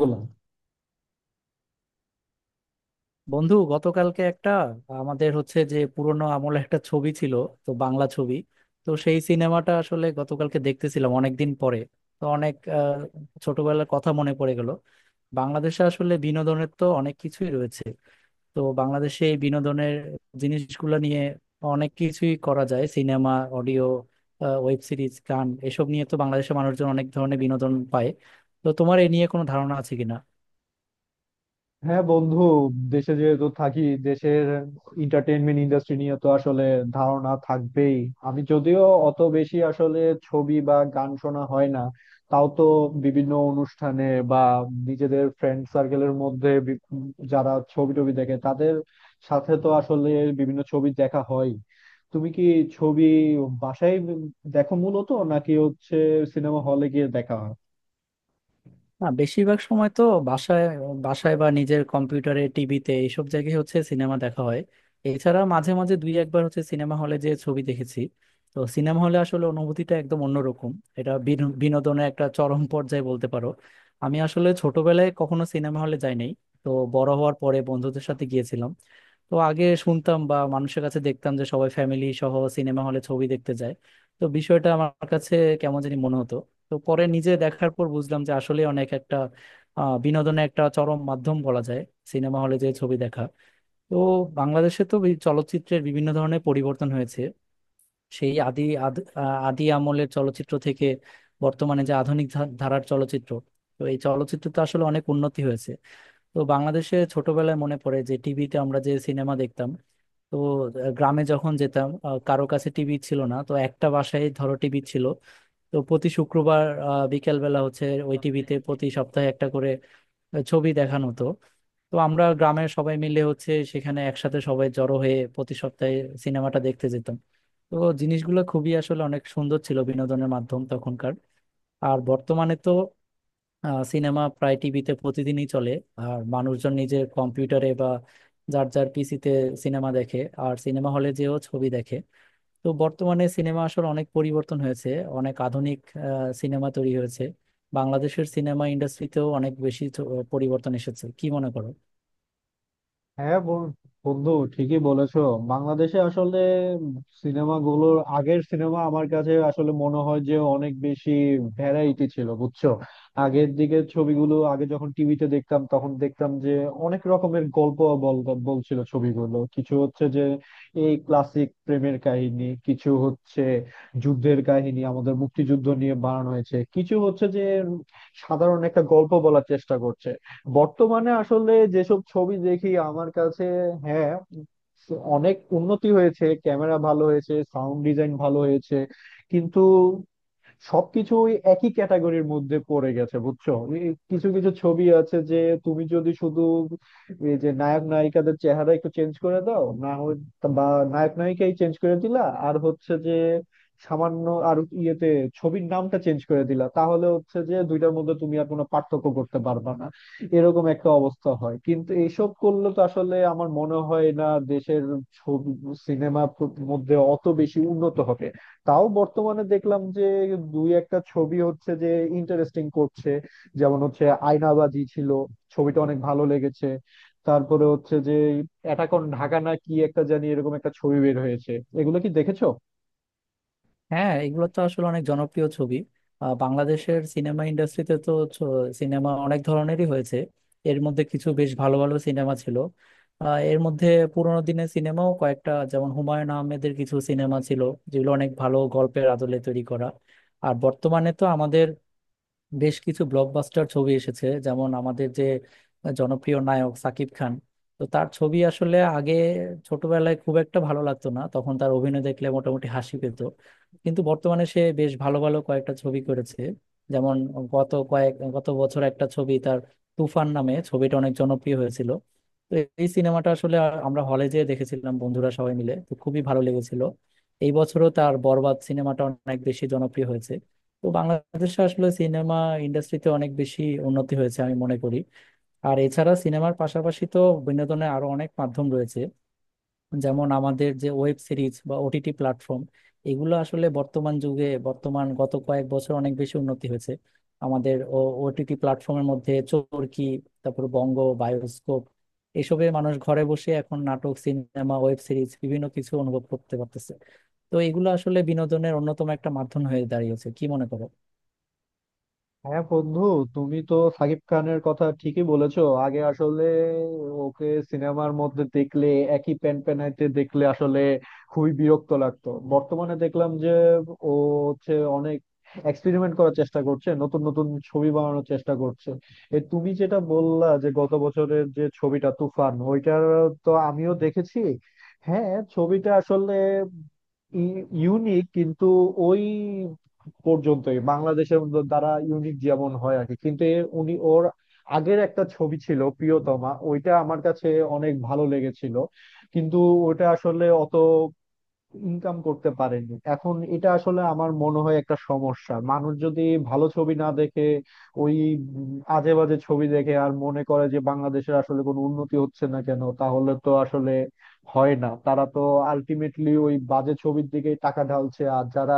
বললাম। বন্ধু, গতকালকে একটা আমাদের হচ্ছে যে পুরোনো আমলে একটা ছবি ছিল, তো বাংলা ছবি। তো সেই সিনেমাটা আসলে গতকালকে দেখতেছিলাম অনেকদিন পরে। তো অনেক ছোটবেলার কথা মনে পড়ে গেল। বাংলাদেশে আসলে বিনোদনের তো অনেক কিছুই রয়েছে। তো বাংলাদেশে এই বিনোদনের জিনিসগুলো নিয়ে অনেক কিছুই করা যায়, সিনেমা, অডিও, ওয়েব সিরিজ, গান, এসব নিয়ে তো বাংলাদেশের মানুষজন অনেক ধরনের বিনোদন পায়। তো তোমার এ নিয়ে কোনো ধারণা আছে কিনা? হ্যাঁ বন্ধু, দেশে যেহেতু থাকি, দেশের এন্টারটেইনমেন্ট ইন্ডাস্ট্রি নিয়ে তো আসলে ধারণা থাকবেই। আমি যদিও অত বেশি আসলে ছবি বা গান শোনা হয় না, তাও তো বিভিন্ন অনুষ্ঠানে বা নিজেদের ফ্রেন্ড সার্কেলের মধ্যে যারা ছবি টবি দেখে তাদের সাথে তো আসলে বিভিন্ন ছবি দেখা হয়। তুমি কি ছবি বাসায় দেখো মূলত, নাকি হচ্ছে সিনেমা হলে গিয়ে দেখা হয়? না, বেশিরভাগ সময় তো বাসায় বাসায় বা নিজের কম্পিউটারে, টিভিতে এইসব জায়গায় হচ্ছে সিনেমা দেখা হয়। এছাড়া মাঝে মাঝে দুই একবার হচ্ছে সিনেমা হলে যে ছবি দেখেছি। তো সিনেমা হলে আসলে অনুভূতিটা একদম অন্যরকম। এটা বিনোদনের একটা চরম পর্যায়ে বলতে পারো। আমি আসলে ছোটবেলায় কখনো সিনেমা হলে যাই নাই, তো বড় হওয়ার পরে বন্ধুদের সাথে গিয়েছিলাম। তো আগে শুনতাম বা মানুষের কাছে দেখতাম যে সবাই ফ্যামিলি সহ সিনেমা হলে ছবি দেখতে যায়। তো বিষয়টা আমার কাছে কেমন জানি মনে হতো। তো পরে নিজে দেখার পর বুঝলাম যে আসলে অনেক একটা বিনোদনের একটা চরম মাধ্যম বলা যায় সিনেমা হলে যে ছবি দেখা। তো বাংলাদেশে তো এই চলচ্চিত্রের বিভিন্ন ধরনের পরিবর্তন হয়েছে। সেই আদি আমলের চলচ্চিত্র থেকে বর্তমানে যে আধুনিক ধারার চলচ্চিত্র, তো এই চলচ্চিত্র তো আসলে অনেক উন্নতি হয়েছে। তো বাংলাদেশে ছোটবেলায় মনে পড়ে যে টিভিতে আমরা যে সিনেমা দেখতাম, তো গ্রামে যখন যেতাম, কারো কাছে টিভি ছিল না, তো একটা বাসায় ধরো টিভি ছিল, তো প্রতি শুক্রবার বিকেলবেলা হচ্ছে ওই টিভিতে প্রতি সপ্তাহে একটা করে ছবি দেখানো হতো। তো আমরা গ্রামের সবাই মিলে হচ্ছে সেখানে একসাথে সবাই জড়ো হয়ে প্রতি সপ্তাহে সিনেমাটা দেখতে যেতাম। তো জিনিসগুলো খুবই আসলে অনেক সুন্দর ছিল, বিনোদনের মাধ্যম তখনকার। আর বর্তমানে তো সিনেমা প্রায় টিভিতে প্রতিদিনই চলে। আর মানুষজন নিজের কম্পিউটারে বা যার যার পিসিতে সিনেমা দেখে, আর সিনেমা হলে যেও ছবি দেখে। তো বর্তমানে সিনেমা আসলে অনেক পরিবর্তন হয়েছে, অনেক আধুনিক সিনেমা তৈরি হয়েছে। বাংলাদেশের সিনেমা ইন্ডাস্ট্রিতেও অনেক বেশি পরিবর্তন এসেছে কি মনে করো? হ্যাঁ বন্ধু, ঠিকই বলেছো। বাংলাদেশে আসলে সিনেমাগুলোর, আগের সিনেমা আমার কাছে আসলে মনে হয় যে অনেক বেশি ভ্যারাইটি ছিল, বুঝছো। আগের দিকে ছবিগুলো, আগে যখন টিভিতে দেখতাম তখন দেখতাম যে অনেক রকমের গল্প বল বলছিল ছবিগুলো। কিছু হচ্ছে যে এই ক্লাসিক প্রেমের কাহিনী, কিছু হচ্ছে যুদ্ধের কাহিনী আমাদের মুক্তিযুদ্ধ নিয়ে বানানো হয়েছে, কিছু হচ্ছে যে সাধারণ একটা গল্প বলার চেষ্টা করছে। বর্তমানে আসলে যেসব ছবি দেখি আমার কাছে, হ্যাঁ, অনেক উন্নতি হয়েছে, ক্যামেরা ভালো হয়েছে, সাউন্ড ডিজাইন ভালো হয়েছে, কিন্তু সবকিছুই একই ক্যাটাগরির মধ্যে পড়ে গেছে, বুঝছো। এই কিছু কিছু ছবি আছে যে, তুমি যদি শুধু এই যে নায়ক নায়িকাদের চেহারা একটু চেঞ্জ করে দাও না হয়, বা নায়ক নায়িকাই চেঞ্জ করে দিলা, আর হচ্ছে যে সামান্য আর ইয়েতে ছবির নামটা চেঞ্জ করে দিলা, তাহলে হচ্ছে যে দুইটার মধ্যে তুমি আর কোনো পার্থক্য করতে পারবা না, এরকম একটা অবস্থা হয়। কিন্তু এইসব করলে তো আসলে আমার মনে হয় না দেশের ছবি সিনেমার মধ্যে অত বেশি উন্নত হবে। তাও বর্তমানে দেখলাম যে দুই একটা ছবি হচ্ছে যে ইন্টারেস্টিং করছে, যেমন হচ্ছে আয়নাবাজি ছিল, ছবিটা অনেক ভালো লেগেছে। তারপরে হচ্ছে যে অ্যাটাক অন ঢাকা না কি একটা জানি, এরকম একটা ছবি বের হয়েছে। এগুলো কি দেখেছো? হ্যাঁ, এগুলো তো আসলে অনেক জনপ্রিয় ছবি। বাংলাদেশের সিনেমা ইন্ডাস্ট্রিতে তো সিনেমা অনেক ধরনেরই হয়েছে। এর মধ্যে কিছু বেশ ভালো ভালো সিনেমা ছিল। এর মধ্যে পুরোনো দিনের সিনেমাও কয়েকটা, যেমন হুমায়ুন আহমেদের কিছু সিনেমা ছিল, যেগুলো অনেক ভালো গল্পের আদলে তৈরি করা। আর বর্তমানে তো আমাদের বেশ কিছু ব্লকবাস্টার ছবি এসেছে, যেমন আমাদের যে জনপ্রিয় নায়ক সাকিব খান, তো তার ছবি আসলে আগে ছোটবেলায় খুব একটা ভালো লাগতো না, তখন তার অভিনয় দেখলে মোটামুটি হাসি পেত। কিন্তু বর্তমানে সে বেশ ভালো ভালো কয়েকটা ছবি করেছে। যেমন গত বছর একটা ছবি তার তুফান নামে, ছবিটা অনেক জনপ্রিয় হয়েছিল। তো এই সিনেমাটা আসলে আমরা হলে যেয়ে দেখেছিলাম বন্ধুরা সবাই মিলে, তো খুবই ভালো লেগেছিল। এই বছরও তার বরবাদ সিনেমাটা অনেক বেশি জনপ্রিয় হয়েছে। তো বাংলাদেশে আসলে সিনেমা ইন্ডাস্ট্রিতে অনেক বেশি উন্নতি হয়েছে আমি মনে করি। আর এছাড়া সিনেমার পাশাপাশি তো বিনোদনের আরো অনেক মাধ্যম রয়েছে, যেমন আমাদের যে ওয়েব সিরিজ বা ওটিটি প্ল্যাটফর্ম। এগুলো আসলে বর্তমান যুগে, বর্তমান গত কয়েক বছর অনেক বেশি উন্নতি হয়েছে। আমাদের ওটিটি প্ল্যাটফর্মের মধ্যে চরকি, তারপর বঙ্গ, বায়োস্কোপ, এসবে মানুষ ঘরে বসে এখন নাটক, সিনেমা, ওয়েব সিরিজ বিভিন্ন কিছু অনুভব করতে পারতেছে। তো এগুলো আসলে বিনোদনের অন্যতম একটা মাধ্যম হয়ে দাঁড়িয়েছে কি মনে করো? হ্যাঁ বন্ধু, তুমি তো সাকিব খানের কথা ঠিকই বলেছো। আগে আসলে ওকে সিনেমার মধ্যে দেখলে, একই প্যান প্যানাইতে দেখলে আসলে খুবই বিরক্ত লাগতো। বর্তমানে দেখলাম যে ও হচ্ছে অনেক এক্সপেরিমেন্ট করার চেষ্টা করছে, নতুন নতুন ছবি বানানোর চেষ্টা করছে। এ, তুমি যেটা বললা যে গত বছরের যে ছবিটা তুফান ওইটার, তো আমিও দেখেছি। হ্যাঁ, ছবিটা আসলে ইউনিক, কিন্তু ওই পর্যন্তই। বাংলাদেশের মধ্যে তারা ইউনিক যেমন হয় আর কি, কিন্তু এর উনি, ওর আগের একটা ছবি ছিল প্রিয়তমা, ওইটা আমার কাছে অনেক ভালো লেগেছিল। কিন্তু ওটা আসলে অত ইনকাম করতে পারেনি। এখন এটা আসলে আমার মনে হয় একটা সমস্যা। মানুষ যদি ভালো ছবি না দেখে, ওই আজে বাজে ছবি দেখে আর মনে করে যে বাংলাদেশের আসলে কোনো উন্নতি হচ্ছে না কেন, তাহলে তো আসলে হয় না। তারা তো আলটিমেটলি ওই বাজে ছবির দিকেই টাকা ঢালছে, আর যারা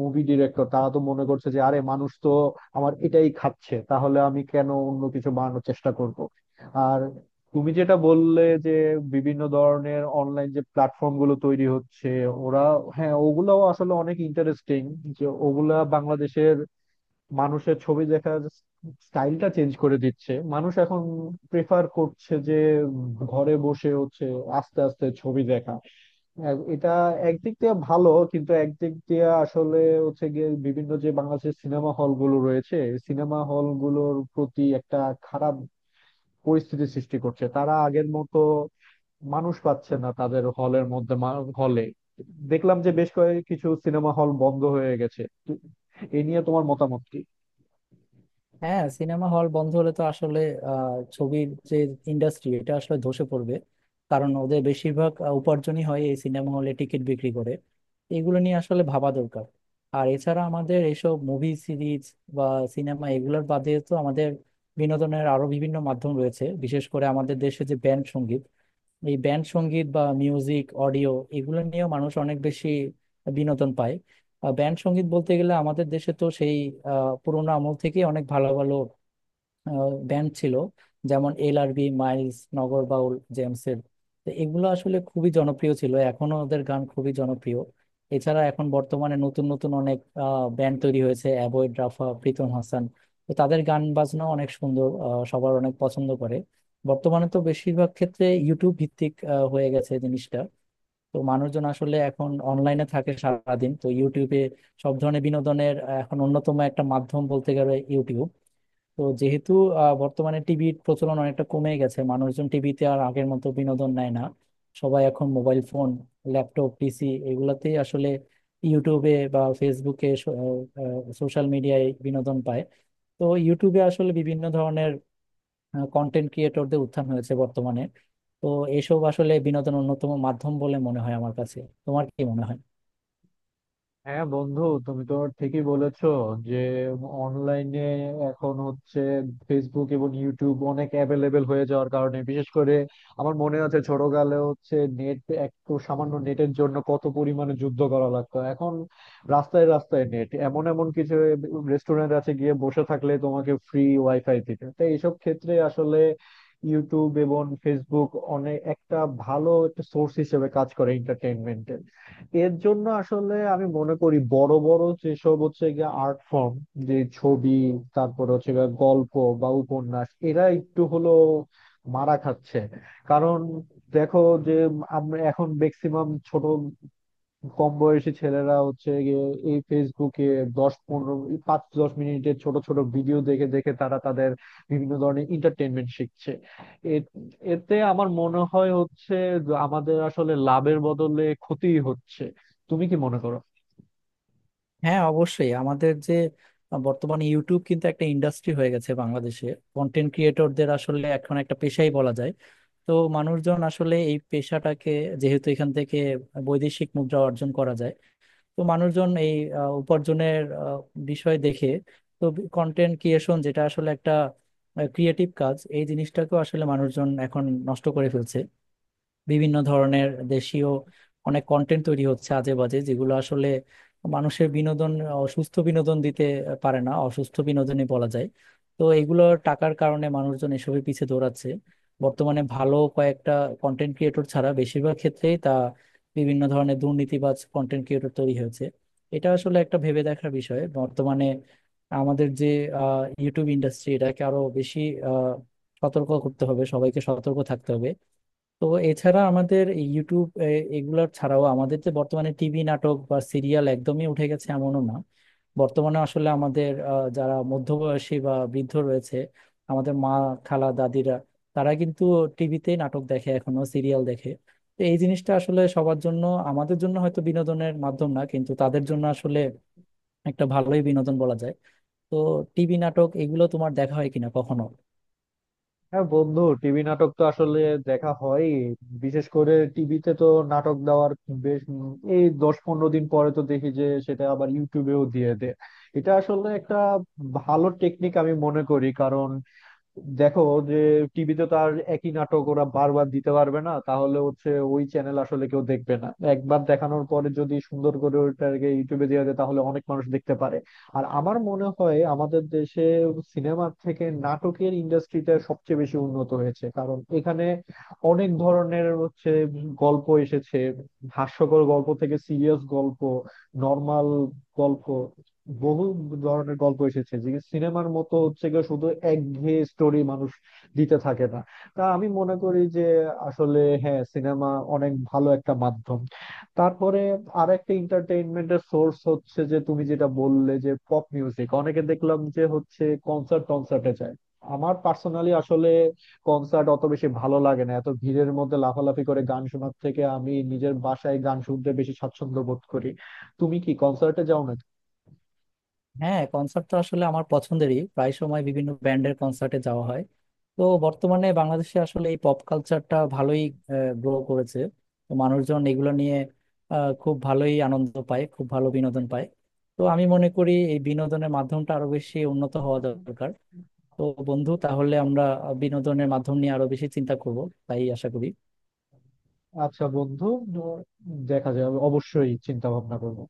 মুভি ডিরেক্টর তারা তো মনে করছে যে আরে মানুষ তো আমার এটাই খাচ্ছে, তাহলে আমি কেন অন্য কিছু বানানোর চেষ্টা করব। আর তুমি যেটা বললে যে বিভিন্ন ধরনের অনলাইন যে প্ল্যাটফর্ম গুলো তৈরি হচ্ছে ওরা, হ্যাঁ ওগুলাও আসলে অনেক ইন্টারেস্টিং। যে ওগুলা বাংলাদেশের মানুষের ছবি দেখার স্টাইলটা চেঞ্জ করে দিচ্ছে। মানুষ এখন প্রেফার করছে যে ঘরে বসে হচ্ছে আস্তে আস্তে ছবি দেখা। এটা একদিক দিয়ে ভালো, কিন্তু একদিক দিয়ে আসলে হচ্ছে গিয়ে বিভিন্ন যে বাংলাদেশের সিনেমা হল গুলো রয়েছে, সিনেমা হল গুলোর প্রতি একটা খারাপ পরিস্থিতি সৃষ্টি করছে। তারা আগের মতো মানুষ পাচ্ছে না তাদের হলের মধ্যে। হলে দেখলাম যে বেশ কয়েক কিছু সিনেমা হল বন্ধ হয়ে গেছে, তো এ নিয়ে তোমার মতামত কি? হ্যাঁ, সিনেমা হল বন্ধ হলে তো আসলে আহ, ছবির যে ইন্ডাস্ট্রি, এটা আসলে ধসে পড়বে। কারণ ওদের বেশিরভাগ উপার্জনই হয় এই সিনেমা হলে টিকিট বিক্রি করে। এগুলো নিয়ে আসলে ভাবা দরকার। আর এছাড়া আমাদের এইসব মুভি সিরিজ বা সিনেমা এগুলোর বাদে তো আমাদের বিনোদনের আরো বিভিন্ন মাধ্যম রয়েছে, বিশেষ করে আমাদের দেশে যে ব্যান্ড সঙ্গীত। এই ব্যান্ড সঙ্গীত বা মিউজিক অডিও, এগুলো নিয়েও মানুষ অনেক বেশি বিনোদন পায়। ব্যান্ড সঙ্গীত বলতে গেলে আমাদের দেশে তো সেই পুরোনো আমল থেকে অনেক ভালো ভালো ব্যান্ড ছিল, যেমন এলআরবি, মাইলস, নগর বাউল জেমসের। তো এগুলো আসলে খুবই জনপ্রিয় ছিল, এখনো ওদের গান খুবই জনপ্রিয়। এছাড়া এখন বর্তমানে নতুন নতুন অনেক ব্যান্ড তৈরি হয়েছে, অ্যাবয়েড, রাফা, প্রীতম হাসান। তো তাদের গান বাজনা অনেক সুন্দর, সবার অনেক পছন্দ করে। বর্তমানে তো বেশিরভাগ ক্ষেত্রে ইউটিউব ভিত্তিক হয়ে গেছে জিনিসটা। তো মানুষজন আসলে এখন অনলাইনে থাকে সারাদিন, তো ইউটিউবে সব ধরনের বিনোদনের এখন অন্যতম একটা মাধ্যম বলতে গেলে ইউটিউব। তো যেহেতু বর্তমানে টিভির প্রচলন অনেকটা কমে গেছে, মানুষজন টিভিতে আর আগের মতো বিনোদন নেয় না। সবাই এখন মোবাইল ফোন, ল্যাপটপ, পিসি এগুলাতেই আসলে ইউটিউবে বা ফেসবুকে, সোশ্যাল মিডিয়ায় বিনোদন পায়। তো ইউটিউবে আসলে বিভিন্ন ধরনের কন্টেন্ট ক্রিয়েটরদের উত্থান হয়েছে বর্তমানে। তো এসব আসলে বিনোদনের অন্যতম মাধ্যম বলে মনে হয় আমার কাছে। তোমার কি মনে হয়? হ্যাঁ বন্ধু, তুমি তো ঠিকই বলেছো যে অনলাইনে এখন হচ্ছে ফেসবুক এবং ইউটিউব অনেক অ্যাভেলেবেল হয়ে যাওয়ার কারণে, বিশেষ করে আমার মনে আছে ছোটকালে হচ্ছে নেট, একটু সামান্য নেটের জন্য কত পরিমাণে যুদ্ধ করা লাগতো। এখন রাস্তায় রাস্তায় নেট, এমন এমন কিছু রেস্টুরেন্ট আছে গিয়ে বসে থাকলে তোমাকে ফ্রি ওয়াইফাই দিতে। তো এইসব ক্ষেত্রে আসলে ইউটিউব এবং ফেসবুক অনেক একটা ভালো একটা সোর্স হিসেবে কাজ করে এন্টারটেইনমেন্টের। এর জন্য আসলে আমি মনে করি বড় বড় যেসব হচ্ছে গিয়ে আর্ট ফর্ম, যে ছবি, তারপর হচ্ছে গিয়ে গল্প বা উপন্যাস, এরা একটু হলো মারা খাচ্ছে। কারণ দেখো যে, আমরা এখন ম্যাক্সিমাম ছোট কম বয়সী ছেলেরা হচ্ছে গিয়ে এই ফেসবুকে 10 15, 5 10 মিনিটের ছোট ছোট ভিডিও দেখে দেখে তারা তাদের বিভিন্ন ধরনের এন্টারটেনমেন্ট শিখছে। এ- এতে আমার মনে হয় হচ্ছে যে আমাদের আসলে লাভের বদলে ক্ষতিই হচ্ছে। তুমি কি মনে করো? হ্যাঁ অবশ্যই, আমাদের যে বর্তমানে ইউটিউব কিন্তু একটা ইন্ডাস্ট্রি হয়ে গেছে বাংলাদেশে। কন্টেন্ট ক্রিয়েটরদের আসলে এখন একটা পেশাই বলা যায়। তো মানুষজন আসলে এই পেশাটাকে, যেহেতু এখান থেকে বৈদেশিক মুদ্রা অর্জন করা যায়, তো মানুষজন এই উপার্জনের বিষয় দেখে। তো কন্টেন্ট ক্রিয়েশন, যেটা আসলে একটা ক্রিয়েটিভ কাজ, এই জিনিসটাকেও আসলে মানুষজন এখন নষ্ট করে ফেলছে। বিভিন্ন ধরনের দেশীয় অনেক কন্টেন্ট তৈরি হচ্ছে আজে বাজে, যেগুলো আসলে মানুষের বিনোদন, সুস্থ বিনোদন দিতে পারে না, অসুস্থ বিনোদনই বলা যায়। তো এগুলো টাকার কারণে মানুষজন এসবের পিছে দৌড়াচ্ছে। বর্তমানে ভালো কয়েকটা কন্টেন্ট ক্রিয়েটর ছাড়া বেশিরভাগ ক্ষেত্রেই তা বিভিন্ন ধরনের দুর্নীতিবাজ কন্টেন্ট ক্রিয়েটর তৈরি হয়েছে। এটা আসলে একটা ভেবে দেখার বিষয় বর্তমানে। আমাদের যে ইউটিউব ইন্ডাস্ট্রি, এটাকে আরো বেশি আহ, সতর্ক করতে হবে, সবাইকে সতর্ক থাকতে হবে। তো এছাড়া আমাদের এই ইউটিউব এগুলার ছাড়াও আমাদের যে বর্তমানে টিভি নাটক বা সিরিয়াল একদমই উঠে গেছে এমনও না। বর্তমানে আসলে আমাদের যারা মধ্যবয়সী বা বৃদ্ধ রয়েছে, আমাদের মা, খালা, দাদিরা, তারা কিন্তু টিভিতে নাটক দেখে এখনো, সিরিয়াল দেখে। তো এই জিনিসটা আসলে সবার জন্য, আমাদের জন্য হয়তো বিনোদনের মাধ্যম না, কিন্তু তাদের জন্য আসলে একটা ভালোই বিনোদন বলা যায়। তো টিভি নাটক এগুলো তোমার দেখা হয় কিনা কখনো? হ্যাঁ বন্ধু, টিভি নাটক তো আসলে দেখা হয়। বিশেষ করে টিভিতে তো নাটক দেওয়ার বেশ এই 10 15 দিন পরে তো দেখি যে সেটা আবার ইউটিউবেও দিয়ে দেয়। এটা আসলে একটা ভালো টেকনিক আমি মনে করি, কারণ দেখো যে টিভিতে তো আর একই নাটক ওরা বারবার দিতে পারবে না, তাহলে হচ্ছে ওই চ্যানেল আসলে কেউ দেখবে না। একবার দেখানোর পরে যদি সুন্দর করে ওইটাকে ইউটিউবে দেওয়া যায় তাহলে অনেক মানুষ দেখতে পারে। আর আমার মনে হয় আমাদের দেশে সিনেমার থেকে নাটকের ইন্ডাস্ট্রিটা সবচেয়ে বেশি উন্নত হয়েছে, কারণ এখানে অনেক ধরনের হচ্ছে গল্প এসেছে। হাস্যকর গল্প থেকে সিরিয়াস গল্প, নর্মাল গল্প, বহু ধরনের গল্প এসেছে। যে সিনেমার মতো হচ্ছে গিয়ে শুধু একঘেয়ে স্টোরি মানুষ দিতে থাকে না। তা আমি মনে করি যে আসলে, হ্যাঁ, সিনেমা অনেক ভালো একটা মাধ্যম। তারপরে আর একটা এন্টারটেইনমেন্টের সোর্স হচ্ছে যে, তুমি যেটা বললে যে পপ মিউজিক, অনেকে দেখলাম যে হচ্ছে কনসার্ট, কনসার্টে যায়। আমার পার্সোনালি আসলে কনসার্ট অত বেশি ভালো লাগে না। এত ভিড়ের মধ্যে লাফালাফি করে গান শোনার থেকে আমি নিজের বাসায় গান শুনতে বেশি স্বাচ্ছন্দ্য বোধ করি। তুমি কি কনসার্টে যাও হ্যাঁ, কনসার্ট তো আসলে আমার পছন্দেরই, প্রায় সময় বিভিন্ন ব্যান্ডের কনসার্টে যাওয়া হয়। তো বর্তমানে বাংলাদেশে আসলে এই পপ কালচারটা ভালোই গ্রো করেছে। তো মানুষজন এগুলো নিয়ে খুব ভালোই আনন্দ পায়, খুব ভালো বিনোদন পায়। তো আমি মনে করি এই বিনোদনের মাধ্যমটা আরো বেশি উন্নত হওয়া নাকি? দরকার। তো বন্ধু, তাহলে আমরা বিনোদনের মাধ্যম নিয়ে আরো বেশি চিন্তা করব তাই আশা করি। আচ্ছা বন্ধু, দেখা যাবে, অবশ্যই চিন্তা ভাবনা করবো।